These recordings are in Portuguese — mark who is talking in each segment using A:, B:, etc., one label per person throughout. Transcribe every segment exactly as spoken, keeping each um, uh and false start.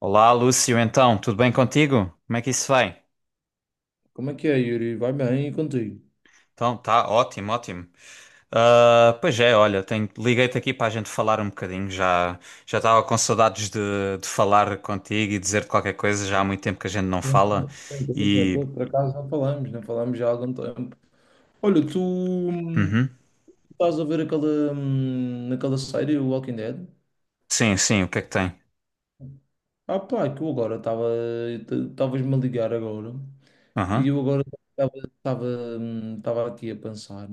A: Olá, Lúcio, então, tudo bem contigo? Como é que isso vai?
B: Como é que é, Yuri? Vai bem e contigo?
A: Então, tá ótimo, ótimo. Ah, pois é, olha, tenho- liguei-te aqui para a gente falar um bocadinho. Já já estava com saudades de, de falar contigo e dizer-te qualquer coisa. Já há muito tempo que a gente não
B: Bem,
A: fala.
B: bem,
A: E.
B: tranquilo. Por acaso não falamos, não falamos já há algum tempo. Olha, tu hum,
A: Uhum.
B: estás a ver aquela, hum, aquela série, o Walking Dead?
A: Sim, sim, o que é que tem?
B: Ah pá, que eu agora estava, estavas-me a ligar agora, e
A: Aham.
B: eu agora estava estava, hum, estava aqui a pensar,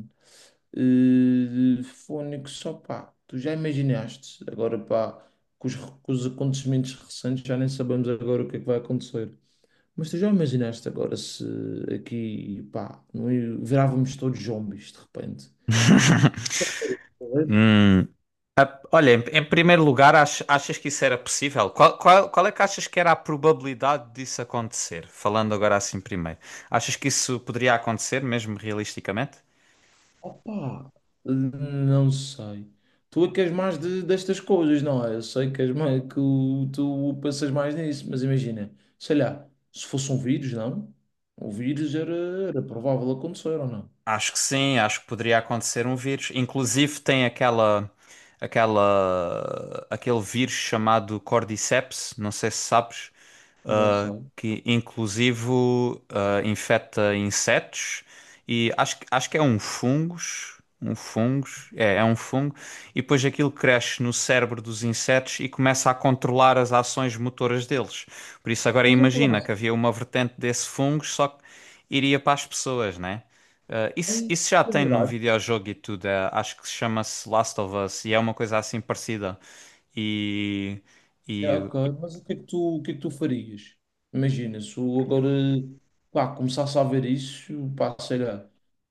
B: eh, Fónix, só pá, tu já imaginaste, agora pá, com os, com os acontecimentos recentes já nem sabemos agora o que é que vai acontecer. Mas tu já imaginaste agora se aqui, pá, não é, virávamos todos zombies de repente? Correto?
A: Hum. Olha, em, em primeiro lugar, ach- achas que isso era possível? Qual, qual, qual é que achas que era a probabilidade disso acontecer? Falando agora assim primeiro. Achas que isso poderia acontecer, mesmo realisticamente?
B: Opa, não sei. Tu é que és mais de, destas coisas, não é? Eu sei que és mais, que o, tu pensas mais nisso, mas imagina, sei lá, se fosse um vírus, não? O vírus era, era provável acontecer ou não?
A: Acho que sim, acho que poderia acontecer um vírus. Inclusive tem aquela, aquela, aquele vírus chamado Cordyceps, não sei se sabes.
B: Não
A: ah,
B: sei.
A: que inclusive ah, infecta insetos e acho, que- acho que é um fungos, um fungos, é, é um fungo, e depois aquilo cresce no cérebro dos insetos e começa a controlar as ações motoras deles. Por isso agora
B: Mas eu
A: imagina
B: falasse,
A: que havia uma vertente desse fungos, só que iria para as pessoas, né? Ah, isso,
B: é
A: isso já tem num
B: verdade.
A: videojogo e tudo, é, acho que se chama-se Last of Us e é uma coisa assim parecida. E,
B: É,
A: e
B: ok, mas o que é que tu, o que é que tu farias? Imagina, se eu agora, pá, começasse a ver isso, pá, sei lá.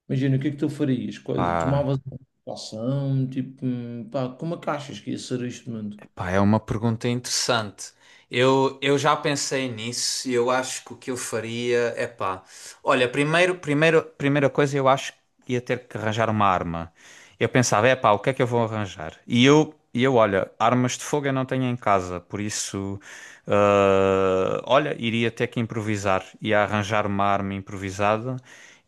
B: Imagina, o que é que tu farias? Qual,
A: pá.
B: tomavas uma ação, tipo, hum, pá, como é que achas que ia ser este mundo?
A: Pá, é uma pergunta interessante. Eu, eu já pensei nisso e eu acho que o que eu faria é pá. Olha, primeiro, primeiro, primeira coisa, eu acho que ia ter que arranjar uma arma. Eu pensava, é pá, o que é que eu vou arranjar? E eu, e eu olha, armas de fogo eu não tenho em casa, por isso, ah, olha, iria ter que improvisar. Ia arranjar uma arma improvisada.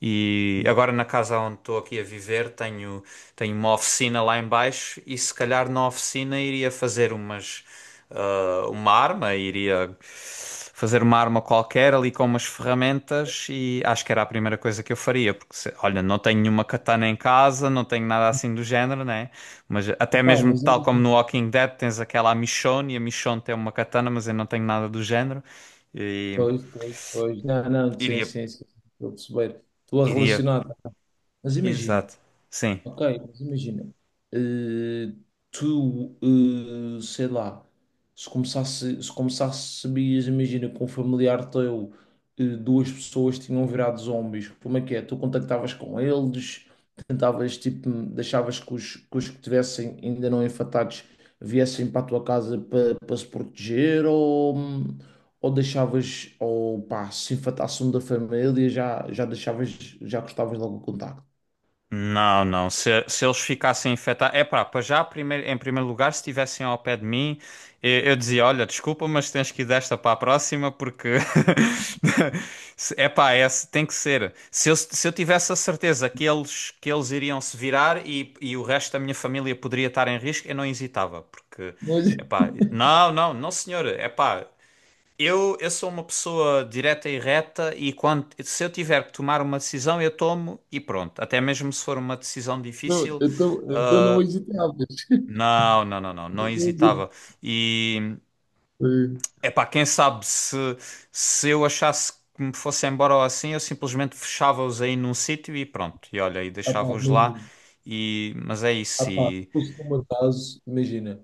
A: E agora na casa onde estou aqui a viver tenho, tenho uma oficina lá em baixo e se calhar na oficina iria fazer umas, ah, uma arma, iria fazer uma arma qualquer ali com umas ferramentas e acho que era a primeira coisa que eu faria, porque se- olha, não tenho nenhuma katana em casa, não tenho nada assim do género, né? Mas até
B: Pá,
A: mesmo
B: mas
A: tal como
B: imagina,
A: no Walking Dead tens aquela a Michonne e a Michonne tem uma katana, mas eu não tenho nada do género e
B: pois, pois, pois, não, não, sim,
A: iria
B: sim, sim, estou a perceber, estou a
A: iria
B: relacionar. Mas imagina,
A: exato. Sim.
B: ok, mas imagina, eh, tu, eh, sei lá, se começasse, se começasse, sabias, imagina, com um familiar teu, eh, duas pessoas tinham virado zombies, como é que é? Tu contactavas com eles, tentavas, tipo, deixavas que os que, os que tivessem ainda não infectados viessem para a tua casa para, para se proteger, ou, ou deixavas, ou pá, se infectasse um da família, já, já deixavas, já cortavas logo o contacto.
A: Não, não. Se, se eles ficassem infectados. É pá, para já, primeiro, em primeiro lugar, se estivessem ao pé de mim, eu, eu dizia: Olha, desculpa, mas tens que ir desta para a próxima, porque. Se- É pá, é, se- tem que ser. Se eu, se eu tivesse a certeza que eles, que eles iriam se virar e, e o resto da minha família poderia estar em risco, eu não hesitava, porque.
B: Pois.
A: É pá, não, não, não, senhor. É pá. Eu, eu sou uma pessoa direta e reta e quando, se eu tiver que tomar uma decisão, eu tomo e pronto. Até mesmo se for uma decisão
B: Não,
A: difícil,
B: então, então não hesitavas.
A: não, não, não, não, não
B: Não hesi-
A: hesitava. E
B: Eh,
A: é para quem sabe se, se eu achasse que me fosse embora ou assim, eu simplesmente fechava-os aí num sítio e pronto. E olha, e
B: ah, pá,
A: deixava-os lá.
B: imagina.
A: E, mas é
B: Ah,
A: isso.
B: pá, se
A: E...
B: fosse no meu caso, imagina.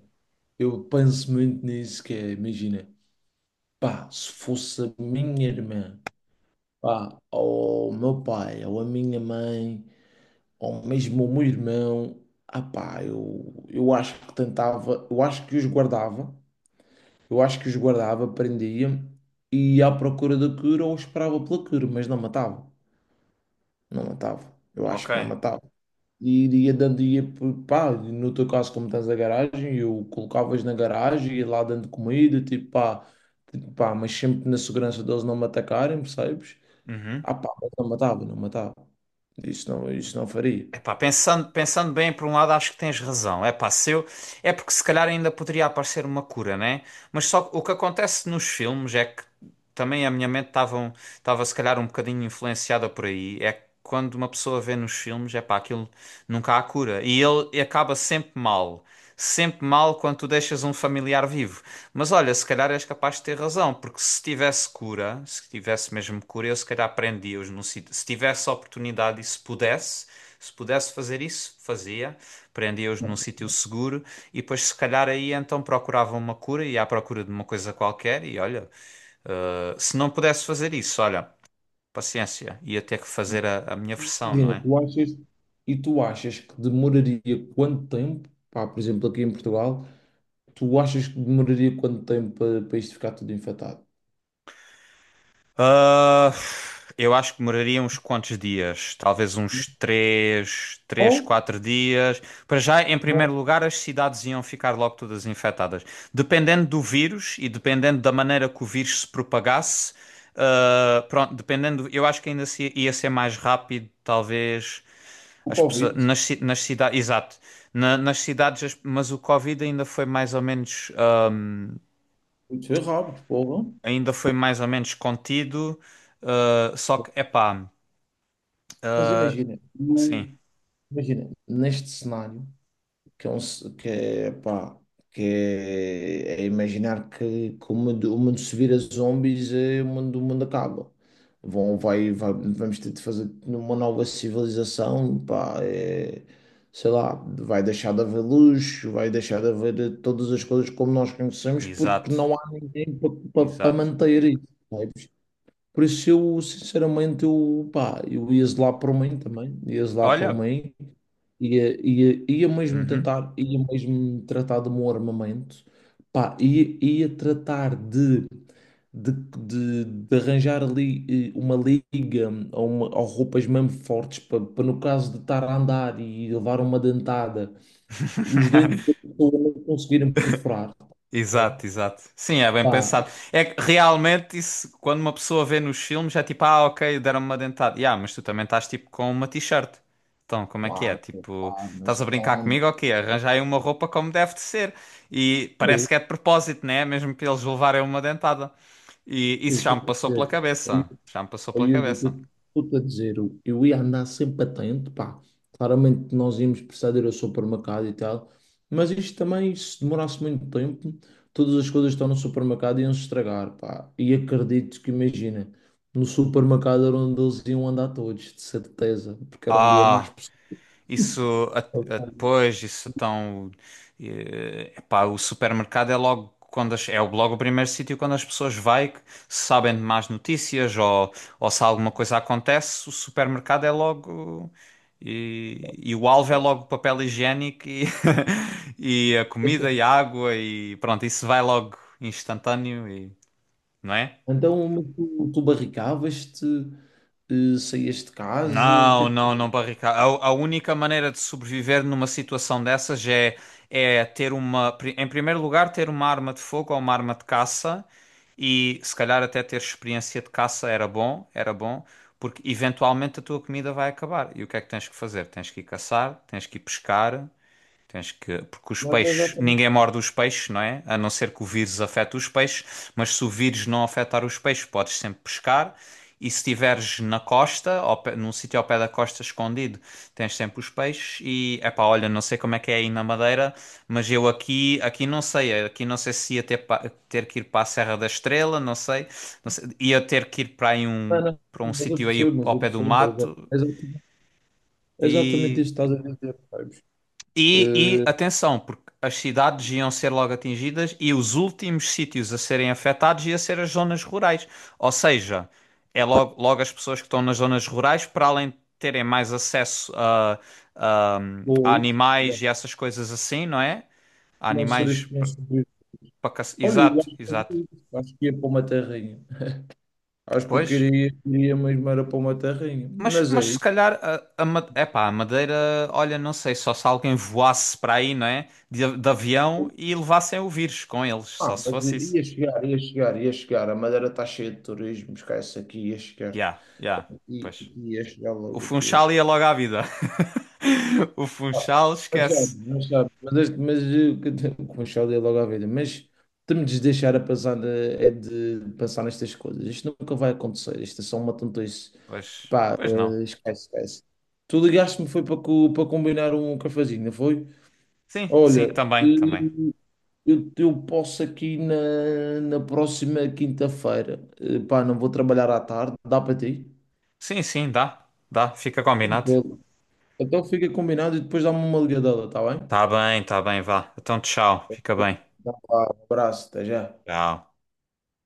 B: Eu penso muito nisso, que é, imagina. Pá, se fosse a minha irmã, pá, ou o meu pai, ou a minha mãe, ou mesmo o meu irmão, ah, pá, eu, eu acho que tentava, eu acho que os guardava, eu acho que os guardava, prendia, e à procura da cura ou esperava pela cura, mas não matava. Não matava. Eu
A: Ok.
B: acho que não matava. E iria dando, ia, pá, no teu caso, como tens a garagem, eu colocavas na garagem e lá dando comida, tipo, pá, tipo, pá, mas sempre na segurança deles não me atacarem, percebes?
A: Uhum.
B: Ah, pá, mas não matava, não matava. Isso não, isso não faria.
A: Epá, pensando, pensando bem, por um lado, acho que tens razão. Epá, se eu, é porque se calhar ainda poderia aparecer uma cura, né? Mas só que o que acontece nos filmes é que também a minha mente estava um, estava se calhar um bocadinho influenciada por aí. É que quando uma pessoa vê nos filmes, epá, aquilo nunca há cura. E ele e acaba sempre mal. Sempre mal quando tu deixas um familiar vivo. Mas olha, se calhar és capaz de ter razão, porque se tivesse cura, se tivesse mesmo cura, eu se calhar prendia-os num sítio. Se tivesse oportunidade e se pudesse. Se pudesse fazer isso, fazia, prendia-os num
B: Ok.
A: sítio seguro e depois, se calhar, aí então procuravam uma cura e à procura de uma coisa qualquer. E olha, eh, se não pudesse fazer isso, olha, paciência, ia ter que fazer a, a minha versão, não
B: Dina,
A: é?
B: tu achas, e tu achas que demoraria quanto tempo, pá, por exemplo, aqui em Portugal, tu achas que demoraria quanto tempo para, para isto ficar tudo infectado?
A: Ah, eu acho que demoraria uns quantos dias? Talvez uns três,
B: Ou
A: três, quatro dias. Para já, em
B: não
A: primeiro
B: há
A: lugar, as cidades iam ficar logo todas infectadas. Dependendo do vírus e dependendo da maneira que o vírus se propagasse, ah, pronto, dependendo, eu acho que ainda se- ia ser mais rápido, talvez.
B: o
A: As pessoas,
B: Covid?
A: nas, ci- nas cidades, exato. Na- nas cidades, as- mas o Covid ainda foi mais ou menos. ah,
B: Muito errado, porra.
A: ainda foi mais ou menos contido, ah, só que, epá,
B: Mas
A: ah,
B: imagina,
A: sim,
B: não, imagina, neste cenário, que é, um ce-, que é, pá, que é, é imaginar que, que o mundo, o mundo se vira zombies, é, o mundo, o mundo acaba. Vão, vai, vai-, vamos ter de fazer uma nova civilização, pá, é, sei lá, vai deixar de haver luz, vai deixar de haver todas as coisas como nós conhecemos, porque
A: exato,
B: não há ninguém para
A: exato.
B: manter isso. Por isso eu, sinceramente, eu, pá, eu ia zelar por mim também, ia zelar por
A: Olha,
B: mim, ia, ia, ia mesmo
A: uhum.
B: tentar, ia mesmo tratar de um armamento, pá, ia, ia tratar de, de, de, de arranjar ali eh, uma liga ou, uma, ou roupas mesmo fortes para, no caso de estar a andar e levar uma dentada, os dentes da pessoa não conseguirem perfurar.
A: Exato, exato. Sim, é bem
B: Pá,
A: pensado. É que realmente isso, quando uma pessoa vê nos filmes, é tipo, ah, ok, deram-me uma dentada. Yeah, mas tu também estás tipo com uma t-shirt. Então, como é que é?
B: claro,
A: Tipo,
B: claro, mas
A: estás a brincar
B: então,
A: comigo? Ok, arranja aí uma roupa como deve de ser. E parece que é de propósito, né? Mesmo para eles levarem uma dentada. E
B: eu
A: isso já me
B: estou-te a
A: passou pela
B: dizer,
A: cabeça. Já me passou
B: ó
A: pela
B: Yuri,
A: cabeça.
B: eu estou-te a dizer, eu eu ia andar sempre atento, pá. Claramente nós íamos precisar de ir ao supermercado e tal, mas isto também, se demorasse muito tempo, todas as coisas que estão no supermercado iam se estragar, pá. E acredito que, imagina, no supermercado era onde eles iam andar todos, de certeza, porque era onde ia mais
A: Ah.
B: pessoas.
A: Isso a- a- depois, isso então, eh, epá, o supermercado é logo quando as- é logo o primeiro sítio quando as pessoas vai que sabem de más notícias ou, ou se alguma coisa acontece, o supermercado é logo e, e o alvo é logo papel higiênico e, e a comida e a água e pronto, isso vai logo instantâneo e, não é?
B: Então, mas tu, tu barricavas-te, eh, saías de casa, o que é
A: Não, não, não, barricada. A, a única maneira de sobreviver numa situação dessas é, é ter uma, pri- em primeiro lugar, ter uma arma de fogo ou uma arma de caça e se calhar até ter experiência de caça era bom, era bom, porque eventualmente a tua comida vai acabar. E o que é que tens que fazer? Tens que ir caçar, tens que ir pescar. Tens que. Porque os peixes. Ninguém
B: que...
A: morde os peixes, não é? A não ser que o vírus afete os peixes. Mas se o vírus não afetar os peixes, podes sempre pescar. E se estiveres na costa, ao pé- num sítio ao pé da costa escondido, tens sempre os peixes. E, epá, olha, não sei como é que é aí na Madeira, mas eu aqui, aqui não sei. Aqui não sei se ia ter, pa- ter que ir para a Serra da Estrela, não sei. Não sei. Ia ter que ir para aí um,
B: Não, não,
A: para um
B: mas eu
A: sítio aí
B: percebo, mas
A: ao
B: eu
A: pé do
B: percebo. mas
A: mato.
B: é exatamente, exatamente
A: E
B: isto que estás a dizer, sabes?
A: e, e
B: Eh,
A: atenção, porque as cidades iam ser logo atingidas e os últimos sítios a serem afetados ia ser as zonas rurais. Ou seja, é logo, logo as pessoas que estão nas zonas rurais, para além de terem mais acesso a, a- a
B: ou isso, já,
A: animais e essas coisas assim, não é? A
B: não seres
A: animais
B: que nem
A: para
B: sobrevives. Olha, eu
A: exato,
B: acho que
A: exato.
B: fazia isso, acho que ia para uma terrinha. Acho que eu
A: Pois.
B: queria, queria mesmo era para uma terrinha.
A: Mas,
B: Mas
A: mas
B: é
A: se
B: isso.
A: calhar a, a, Ma- epá, a Madeira, olha, não sei, só se alguém voasse para aí, não é? De, de avião e levassem o vírus com eles,
B: Ah,
A: só se
B: mas ia
A: fosse isso.
B: ia chegar, ia chegar, ia chegar. A Madeira está cheia de turismo, esquece aqui, ia chegar.
A: Ya, ya,
B: E
A: pois.
B: ia chegar
A: O
B: logo aqui,
A: Funchal ia logo à vida. O
B: ah,
A: Funchal
B: não sabe,
A: esquece.
B: não sabe. Mas, este-, mas eh, que te-, com o Charlie é logo à vida. Mas temos de deixar a pensar, eh, é de pensar nestas coisas. Isto nunca vai acontecer. Isto é só uma tontice.
A: Pois,
B: Pá,
A: pois não.
B: eh, esquece, esquece. Tu ligaste-me foi para, co-, para combinar um cafezinho, não foi?
A: Sim, sim,
B: Olha,
A: também, também.
B: eh, eu, eu posso aqui na, na próxima quinta-feira. Eh, pá, não vou trabalhar à tarde. Dá para ti?
A: Sim, sim, dá, dá, fica combinado.
B: Tranquilo. Então fica combinado e depois dá-me uma ligadela, tá bem?
A: Tá bem, tá bem, vá. Então tchau, fica bem.
B: Então, um abraço, até já.
A: Tchau.